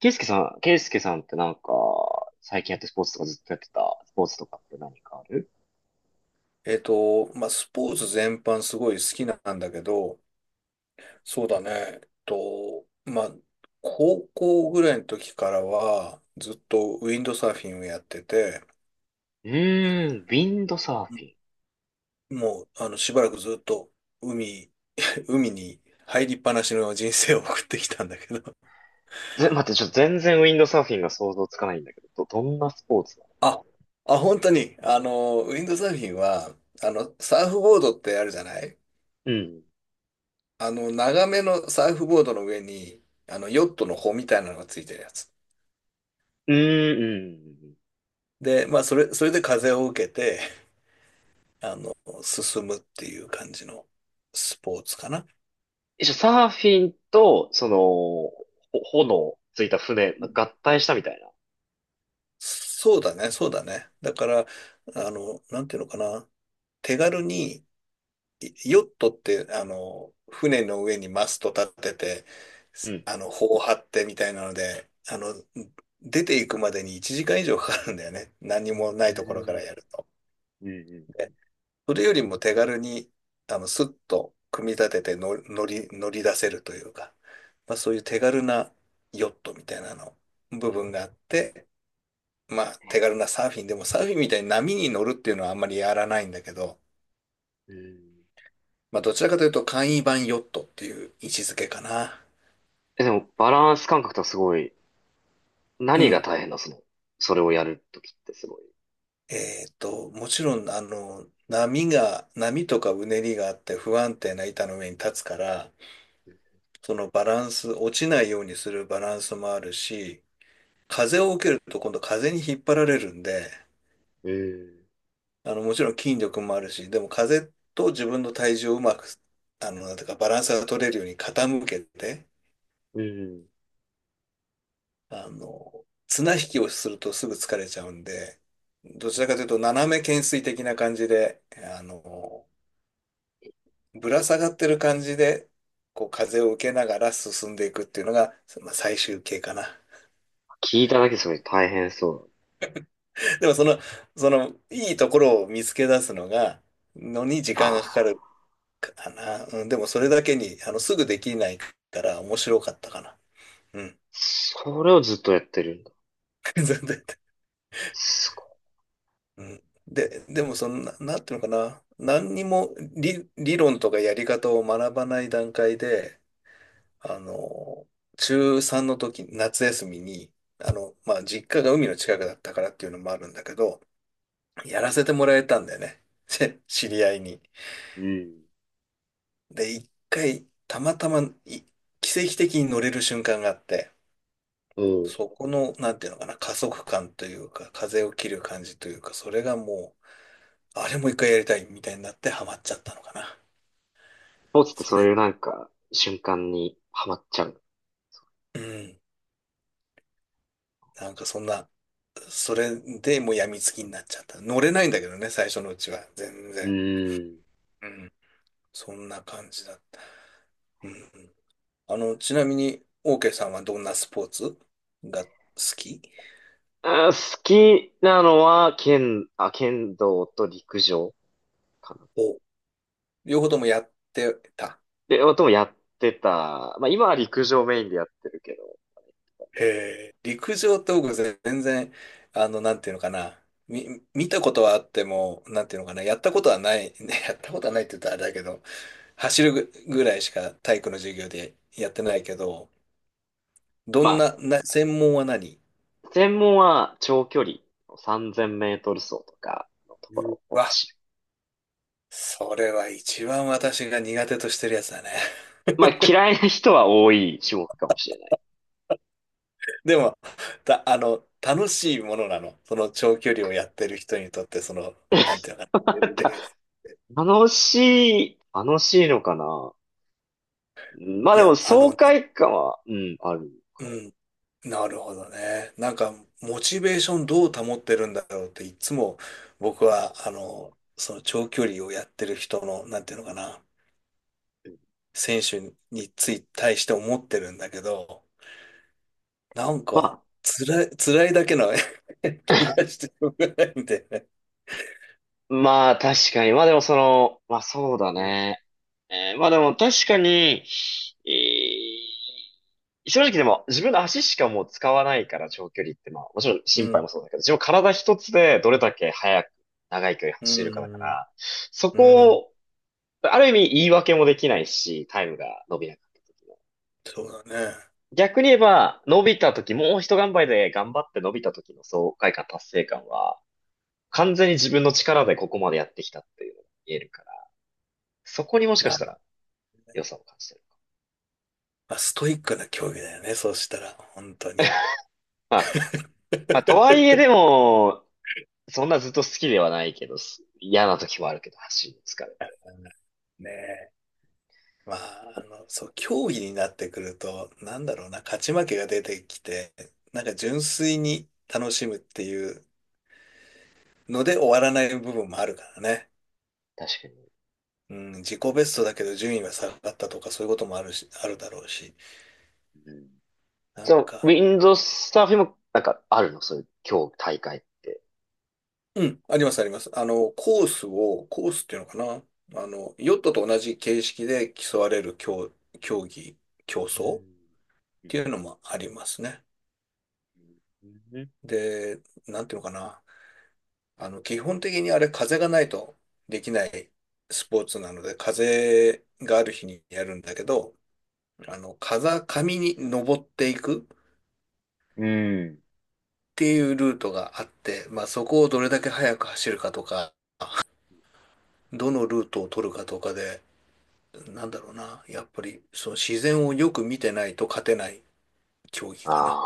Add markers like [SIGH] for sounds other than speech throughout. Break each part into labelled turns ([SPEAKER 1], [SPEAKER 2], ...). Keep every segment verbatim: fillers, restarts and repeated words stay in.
[SPEAKER 1] ケイスケさん、ケイスケさんってなんか、最近やってスポーツとかずっとやってたスポーツとかって何かある？
[SPEAKER 2] えっと、まあ、スポーツ全般すごい好きなんだけど、そうだね、えっと、まあ、高校ぐらいの時からは、ずっとウィンドサーフィンをやってて、
[SPEAKER 1] うーん、ウィンドサーフ
[SPEAKER 2] う
[SPEAKER 1] ィ
[SPEAKER 2] ん。
[SPEAKER 1] ン。
[SPEAKER 2] もう、あの、しばらくずっと海、海に入りっぱなしの人生を送ってきたんだけど。
[SPEAKER 1] ぜ、待って、ちょっと全然ウィンドサーフィンが想像つかないんだけど、ど、どんなスポーツなの？
[SPEAKER 2] あ、あ、本当に、あの、ウィンドサーフィンは、あの、サーフボードってあるじゃない。
[SPEAKER 1] うん。
[SPEAKER 2] あの、長めのサーフボードの上に、あの、ヨットの帆みたいなのがついてるやつ。
[SPEAKER 1] うーん、うん。うん
[SPEAKER 2] で、まあ、それ、それで風を受けて、あの、進むっていう感じのスポーツかな。
[SPEAKER 1] え、じゃあサーフィンと、その、ほ炎ついた船、
[SPEAKER 2] うん。
[SPEAKER 1] 合体したみたいな。
[SPEAKER 2] そうだね、そうだね。だから、あの、なんていうのかな。手軽に、いヨットって、あの、船の上にマスト立てて、
[SPEAKER 1] う
[SPEAKER 2] す
[SPEAKER 1] ん。
[SPEAKER 2] あの、帆を張ってみたいなので、あの、出ていくまでにいちじかん以上かかるんだよね。何もないところから
[SPEAKER 1] う
[SPEAKER 2] やると。
[SPEAKER 1] ん、うん、うん。
[SPEAKER 2] それよりも手軽に、あの、スッと組み立てての乗り、乗り出せるというか、まあそういう手軽なヨットみたいなの、部分があって、まあ手軽なサーフィンでもサーフィンみたいに波に乗るっていうのはあんまりやらないんだけど、
[SPEAKER 1] うん。うん
[SPEAKER 2] まあどちらかというと簡易版ヨットっていう位置づけかな。
[SPEAKER 1] え、でも、バランス感覚とかすごい、
[SPEAKER 2] う
[SPEAKER 1] 何が
[SPEAKER 2] ん。
[SPEAKER 1] 大変な、その、それをやるときってすごい。
[SPEAKER 2] えっと、もちろん、あの、波が、波とかうねりがあって不安定な板の上に立つから、そのバランス、落ちないようにするバランスもあるし、風を受けると今度風に引っ張られるんで、
[SPEAKER 1] うん。
[SPEAKER 2] あの、もちろん筋力もあるし、でも風と自分の体重をうまく、あの、なんていうかバランスが取れるように傾けて、
[SPEAKER 1] うん。
[SPEAKER 2] あの、綱引きをするとすぐ疲れちゃうんで、どちらかというと斜め懸垂的な感じで、あの、ぶら下がってる感じで、こう風を受けながら進んでいくっていうのが、まあ、最終形かな。
[SPEAKER 1] 聞いただけそれ大変そう
[SPEAKER 2] [LAUGHS] でもその、その、いいところを見つけ出すのが、のに時
[SPEAKER 1] だ。あ
[SPEAKER 2] 間が
[SPEAKER 1] あ。
[SPEAKER 2] かかるかな。うん、でもそれだけに、あの、すぐできないから面白かったかな。うん。
[SPEAKER 1] それをずっとやってるんだ。
[SPEAKER 2] [LAUGHS] 全然。
[SPEAKER 1] すご
[SPEAKER 2] うん。で、でもそんな、なんていうのかな。何にも理、理論とかやり方を学ばない段階で、あの、中ちゅうさんの時、夏休みに、あの、まあ、実家が海の近くだったからっていうのもあるんだけど、やらせてもらえたんだよね。[LAUGHS] 知り合いに。
[SPEAKER 1] い。うん。
[SPEAKER 2] で、一回、たまたまい、奇跡的に乗れる瞬間があって、
[SPEAKER 1] うん。
[SPEAKER 2] そこの、なんていうのかな、加速感というか、風を切る感じというか、それがもう、あれも一回やりたいみたいになってハマっちゃったのかな。
[SPEAKER 1] スポーツって
[SPEAKER 2] そ
[SPEAKER 1] そう
[SPEAKER 2] れ、
[SPEAKER 1] いうなんか、瞬間にハマっちゃう。
[SPEAKER 2] うん。なんかそんな、それでもう病みつきになっちゃった。乗れないんだけどね、最初のうちは。全
[SPEAKER 1] う
[SPEAKER 2] 然。
[SPEAKER 1] ん。
[SPEAKER 2] うん。そんな感じだった。うん。あの、ちなみに、オーケーさんはどんなスポーツが好き？
[SPEAKER 1] あ、好きなのは、剣、あ、剣道と陸上かな。
[SPEAKER 2] お、両方ともやってた。
[SPEAKER 1] で、ともやってた。まあ今は陸上メインでやってるけど、
[SPEAKER 2] えー、陸上と僕全然、あの、なんていうのかな。み、見たことはあっても、なんていうのかな。やったことはない。[LAUGHS] ね、やったことはないって言ったらあれだけど、走るぐぐらいしか体育の授業でやってないけど、ど
[SPEAKER 1] ま
[SPEAKER 2] んな、
[SPEAKER 1] あ、
[SPEAKER 2] な、専門は何？
[SPEAKER 1] 専門は長距離さんぜんメートル走とかのとこ
[SPEAKER 2] う
[SPEAKER 1] ろを
[SPEAKER 2] わ、
[SPEAKER 1] 走る。
[SPEAKER 2] それは一番私が苦手としてるやつだね。
[SPEAKER 1] まあ嫌いな人は多い種目かもしれない。
[SPEAKER 2] [LAUGHS] でも、た、あの、楽しいものなの。その長距離をやってる人にとって、その、なんていうのかな。
[SPEAKER 1] [LAUGHS] ま
[SPEAKER 2] レ
[SPEAKER 1] た
[SPEAKER 2] ース。
[SPEAKER 1] 楽しい、楽しいのかな。うんまあ
[SPEAKER 2] い
[SPEAKER 1] で
[SPEAKER 2] や、
[SPEAKER 1] も
[SPEAKER 2] あ
[SPEAKER 1] 爽
[SPEAKER 2] の、
[SPEAKER 1] 快感は、うん、ある。
[SPEAKER 2] うん。なるほどね。なんか、モチベーションどう保ってるんだろうって、いつも僕は、あの、その長距離をやってる人の、なんていうのかな、選手につい、対して思ってるんだけど、なんか、
[SPEAKER 1] ま
[SPEAKER 2] 辛い、辛いだけの [LAUGHS]
[SPEAKER 1] あ、
[SPEAKER 2] 気がしてしょうがないんでね。
[SPEAKER 1] [COUGHS] まあ確かに。まあでもその、まあそうだ
[SPEAKER 2] うん、
[SPEAKER 1] ね。えーまあでも確かに、えー正直でも自分の足しかもう使わないから長距離ってまあもちろん
[SPEAKER 2] う
[SPEAKER 1] 心配も
[SPEAKER 2] ん、
[SPEAKER 1] そうだけど、自分体一つでどれだけ速く長い距離
[SPEAKER 2] う
[SPEAKER 1] 走れるかだか
[SPEAKER 2] ん、
[SPEAKER 1] ら、そ
[SPEAKER 2] う
[SPEAKER 1] こ
[SPEAKER 2] ん、
[SPEAKER 1] を、ある意味言い訳もできないし、タイムが伸びなかった時の。
[SPEAKER 2] そうだね。
[SPEAKER 1] 逆に言えば、伸びた時、もう一頑張りで頑張って伸びた時の爽快感、達成感は、完全に自分の力でここまでやってきたっていうのが見えるから、そこにもしか
[SPEAKER 2] な
[SPEAKER 1] した
[SPEAKER 2] る。
[SPEAKER 1] ら良さを感じてる。
[SPEAKER 2] まあ、ストイックな競技だよね、そうしたら、本当に。
[SPEAKER 1] まあ、まあ、とはいえで
[SPEAKER 2] [LAUGHS]
[SPEAKER 1] も、そんなずっと好きではないけど、す嫌な時もあるけど、走りに疲れて。
[SPEAKER 2] ねえ。まあ、あの、そう、競技になってくると、なんだろうな、勝ち負けが出てきて、なんか純粋に楽しむっていうので終わらない部分もあるからね。
[SPEAKER 1] 確かに。
[SPEAKER 2] うん、自己ベストだけど順位は下がったとかそういうこともあるし、あるだろうし。
[SPEAKER 1] うん。
[SPEAKER 2] なん
[SPEAKER 1] そう、ウ
[SPEAKER 2] か、
[SPEAKER 1] ィンドサーフィンも、なんか、あるのそういう、今日大会って？
[SPEAKER 2] うん、ありますあります。あの、コースを、コースっていうのかな。あの、ヨットと同じ形式で競われる競、競技、競
[SPEAKER 1] う
[SPEAKER 2] 争っ
[SPEAKER 1] ん。
[SPEAKER 2] ていうのもありますね。
[SPEAKER 1] うん。
[SPEAKER 2] で、なんていうのかな。あの、基本的にあれ風がないとできないスポーツなので、風がある日にやるんだけど、あの、風上に登っていくっ
[SPEAKER 1] うん。
[SPEAKER 2] ていうルートがあって、まあそこをどれだけ速く走るかとか、どのルートを取るかとかで、なんだろうな、やっぱりその自然をよく見てないと勝てない競技
[SPEAKER 1] あ
[SPEAKER 2] かな。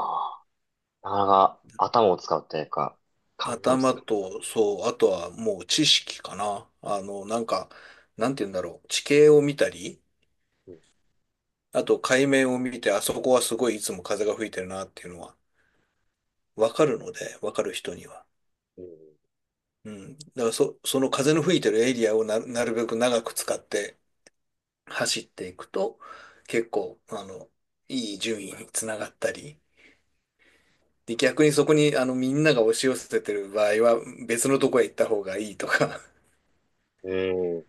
[SPEAKER 1] あ。なかなか頭を使うというか、考えも
[SPEAKER 2] 頭
[SPEAKER 1] する。
[SPEAKER 2] と、そう、あとはもう知識かな。あの、なんか、なんて言うんだろう、地形を見たり、
[SPEAKER 1] うん。
[SPEAKER 2] あと海面を見て、あそこはすごいいつも風が吹いてるなっていうのはわかるので、わかる人には。うん。だからそ、その風の吹いてるエリアをな、なるべく長く使って走っていくと、結構、あの、いい順位につながったり、で、逆にそこに、あの、みんなが押し寄せてる場合は、別のとこへ行った方がいいとか、
[SPEAKER 1] うん。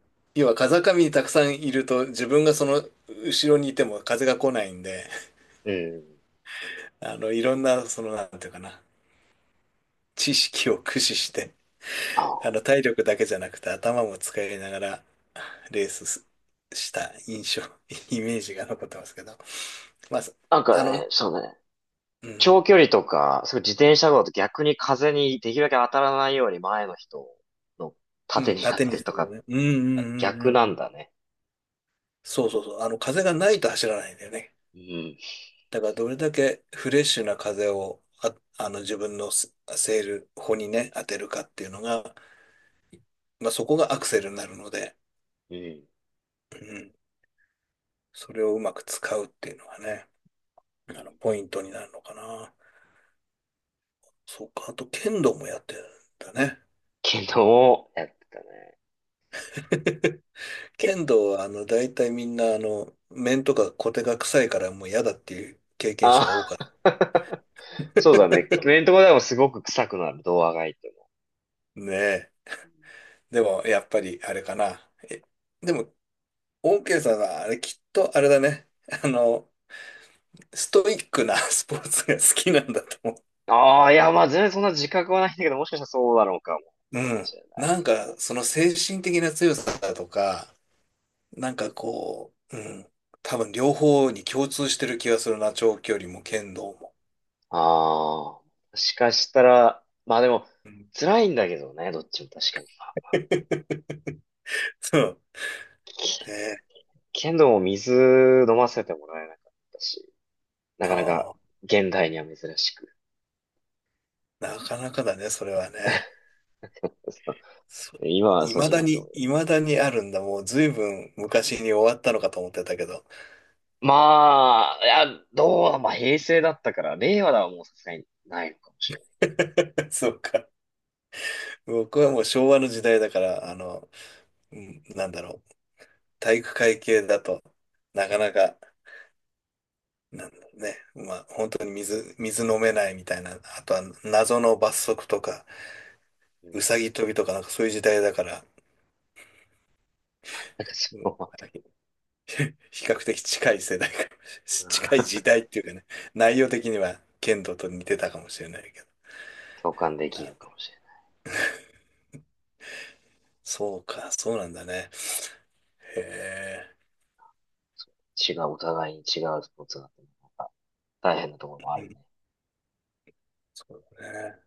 [SPEAKER 2] [LAUGHS] 要は風上にたくさんいると、自分がその後ろにいても風が来ないんで、
[SPEAKER 1] うん。うん
[SPEAKER 2] あの、いろんな、その、なんていうかな、知識を駆使して、あの、
[SPEAKER 1] あ
[SPEAKER 2] 体力だけじゃなくて頭も使いながらレースすした印象、[LAUGHS] イメージが残ってますけど。まあ、そ
[SPEAKER 1] なん
[SPEAKER 2] あ
[SPEAKER 1] か
[SPEAKER 2] の、う
[SPEAKER 1] ね、
[SPEAKER 2] ん、
[SPEAKER 1] そうね。長距離とか、そういう自転車道だと逆に風にできるだけ当たらないように前の人の
[SPEAKER 2] う
[SPEAKER 1] 盾
[SPEAKER 2] ん、
[SPEAKER 1] にな
[SPEAKER 2] 縦
[SPEAKER 1] っ
[SPEAKER 2] にで
[SPEAKER 1] てと
[SPEAKER 2] すよ
[SPEAKER 1] か、
[SPEAKER 2] ね。うん、うん、うん、
[SPEAKER 1] 逆
[SPEAKER 2] うん。
[SPEAKER 1] なんだね。
[SPEAKER 2] そうそうそう。あの、風がないと走らないんだよね。
[SPEAKER 1] うん。
[SPEAKER 2] だから、どれだけフレッシュな風を、あ、あの、自分のスセール、歩にね、当てるかっていうのが、まあ、そこがアクセルになるので、
[SPEAKER 1] うん。
[SPEAKER 2] うん、それをうまく使うっていうのがね、
[SPEAKER 1] う
[SPEAKER 2] あの、
[SPEAKER 1] ん
[SPEAKER 2] ポイントになるのかな。そうか、あと、剣道もやってるんだね。
[SPEAKER 1] 昨日、やってたね。け、
[SPEAKER 2] 剣道は、あの、大体みんな、あの、面とかコテが臭いからもう嫌だっていう経験者が多
[SPEAKER 1] あ、
[SPEAKER 2] かっ
[SPEAKER 1] [LAUGHS] そうだね。
[SPEAKER 2] た。
[SPEAKER 1] クレーンとこでもすごく臭くなる、ドアが開いても。
[SPEAKER 2] [LAUGHS] ねえ。でも、やっぱり、あれかな。え、でも、オーケーさんは、あれ、きっと、あれだね。あの、ストイックな [LAUGHS] スポーツが好きなんだと思
[SPEAKER 1] ああ、いや、まあ全然そんな自覚はないんだけど、もしかしたらそうだろうかも
[SPEAKER 2] う。う
[SPEAKER 1] し
[SPEAKER 2] ん。
[SPEAKER 1] れない。
[SPEAKER 2] なんか、その精神的な強さだとか、なんかこう、うん。多分、両方に共通してる気がするな。長距離も剣道も。
[SPEAKER 1] ああ、もしかしたら、まあでも、
[SPEAKER 2] うん。
[SPEAKER 1] 辛いんだけどね、どっちも確かに。
[SPEAKER 2] [LAUGHS] そう。ねえ。
[SPEAKER 1] 剣道も水飲ませてもらえなかったし、な
[SPEAKER 2] あ
[SPEAKER 1] かなか
[SPEAKER 2] ー、
[SPEAKER 1] 現代には珍しく。
[SPEAKER 2] なかなかだね、それはね。
[SPEAKER 1] [LAUGHS]
[SPEAKER 2] そう、
[SPEAKER 1] 今は
[SPEAKER 2] い
[SPEAKER 1] そう
[SPEAKER 2] ま
[SPEAKER 1] じゃ
[SPEAKER 2] だ
[SPEAKER 1] ないと思
[SPEAKER 2] に、
[SPEAKER 1] うよ。
[SPEAKER 2] いまだにあるんだ。もう随分昔に終わったのかと思ってたけど。
[SPEAKER 1] まあ、いや、どうだ、まあ平成だったから、令和だはもうさすがにないのかもしれな
[SPEAKER 2] [LAUGHS] そうか。僕はもう昭和の時代だから、あの、うん、なんだろう。体育会系だと、なかなか、なんだろうね。まあ、本当に水、水飲めないみたいな。あとは謎の罰則とか、
[SPEAKER 1] い。うん。
[SPEAKER 2] うさぎ跳びとかなんかそういう時代だから、
[SPEAKER 1] なんかそ
[SPEAKER 2] うん。
[SPEAKER 1] こは、
[SPEAKER 2] [LAUGHS] 比較的近い世代かもし近い
[SPEAKER 1] う
[SPEAKER 2] 時
[SPEAKER 1] ん
[SPEAKER 2] 代っていうかね、内容的には剣道と似てたかもしれないけど。
[SPEAKER 1] 共感できるか
[SPEAKER 2] な、
[SPEAKER 1] もしれ
[SPEAKER 2] そうか、そうなんだね。へえ。
[SPEAKER 1] ない。違う、お互いに違うスポーツだと、な大変なところもあ
[SPEAKER 2] う
[SPEAKER 1] る
[SPEAKER 2] ん、
[SPEAKER 1] ね。
[SPEAKER 2] そうだね。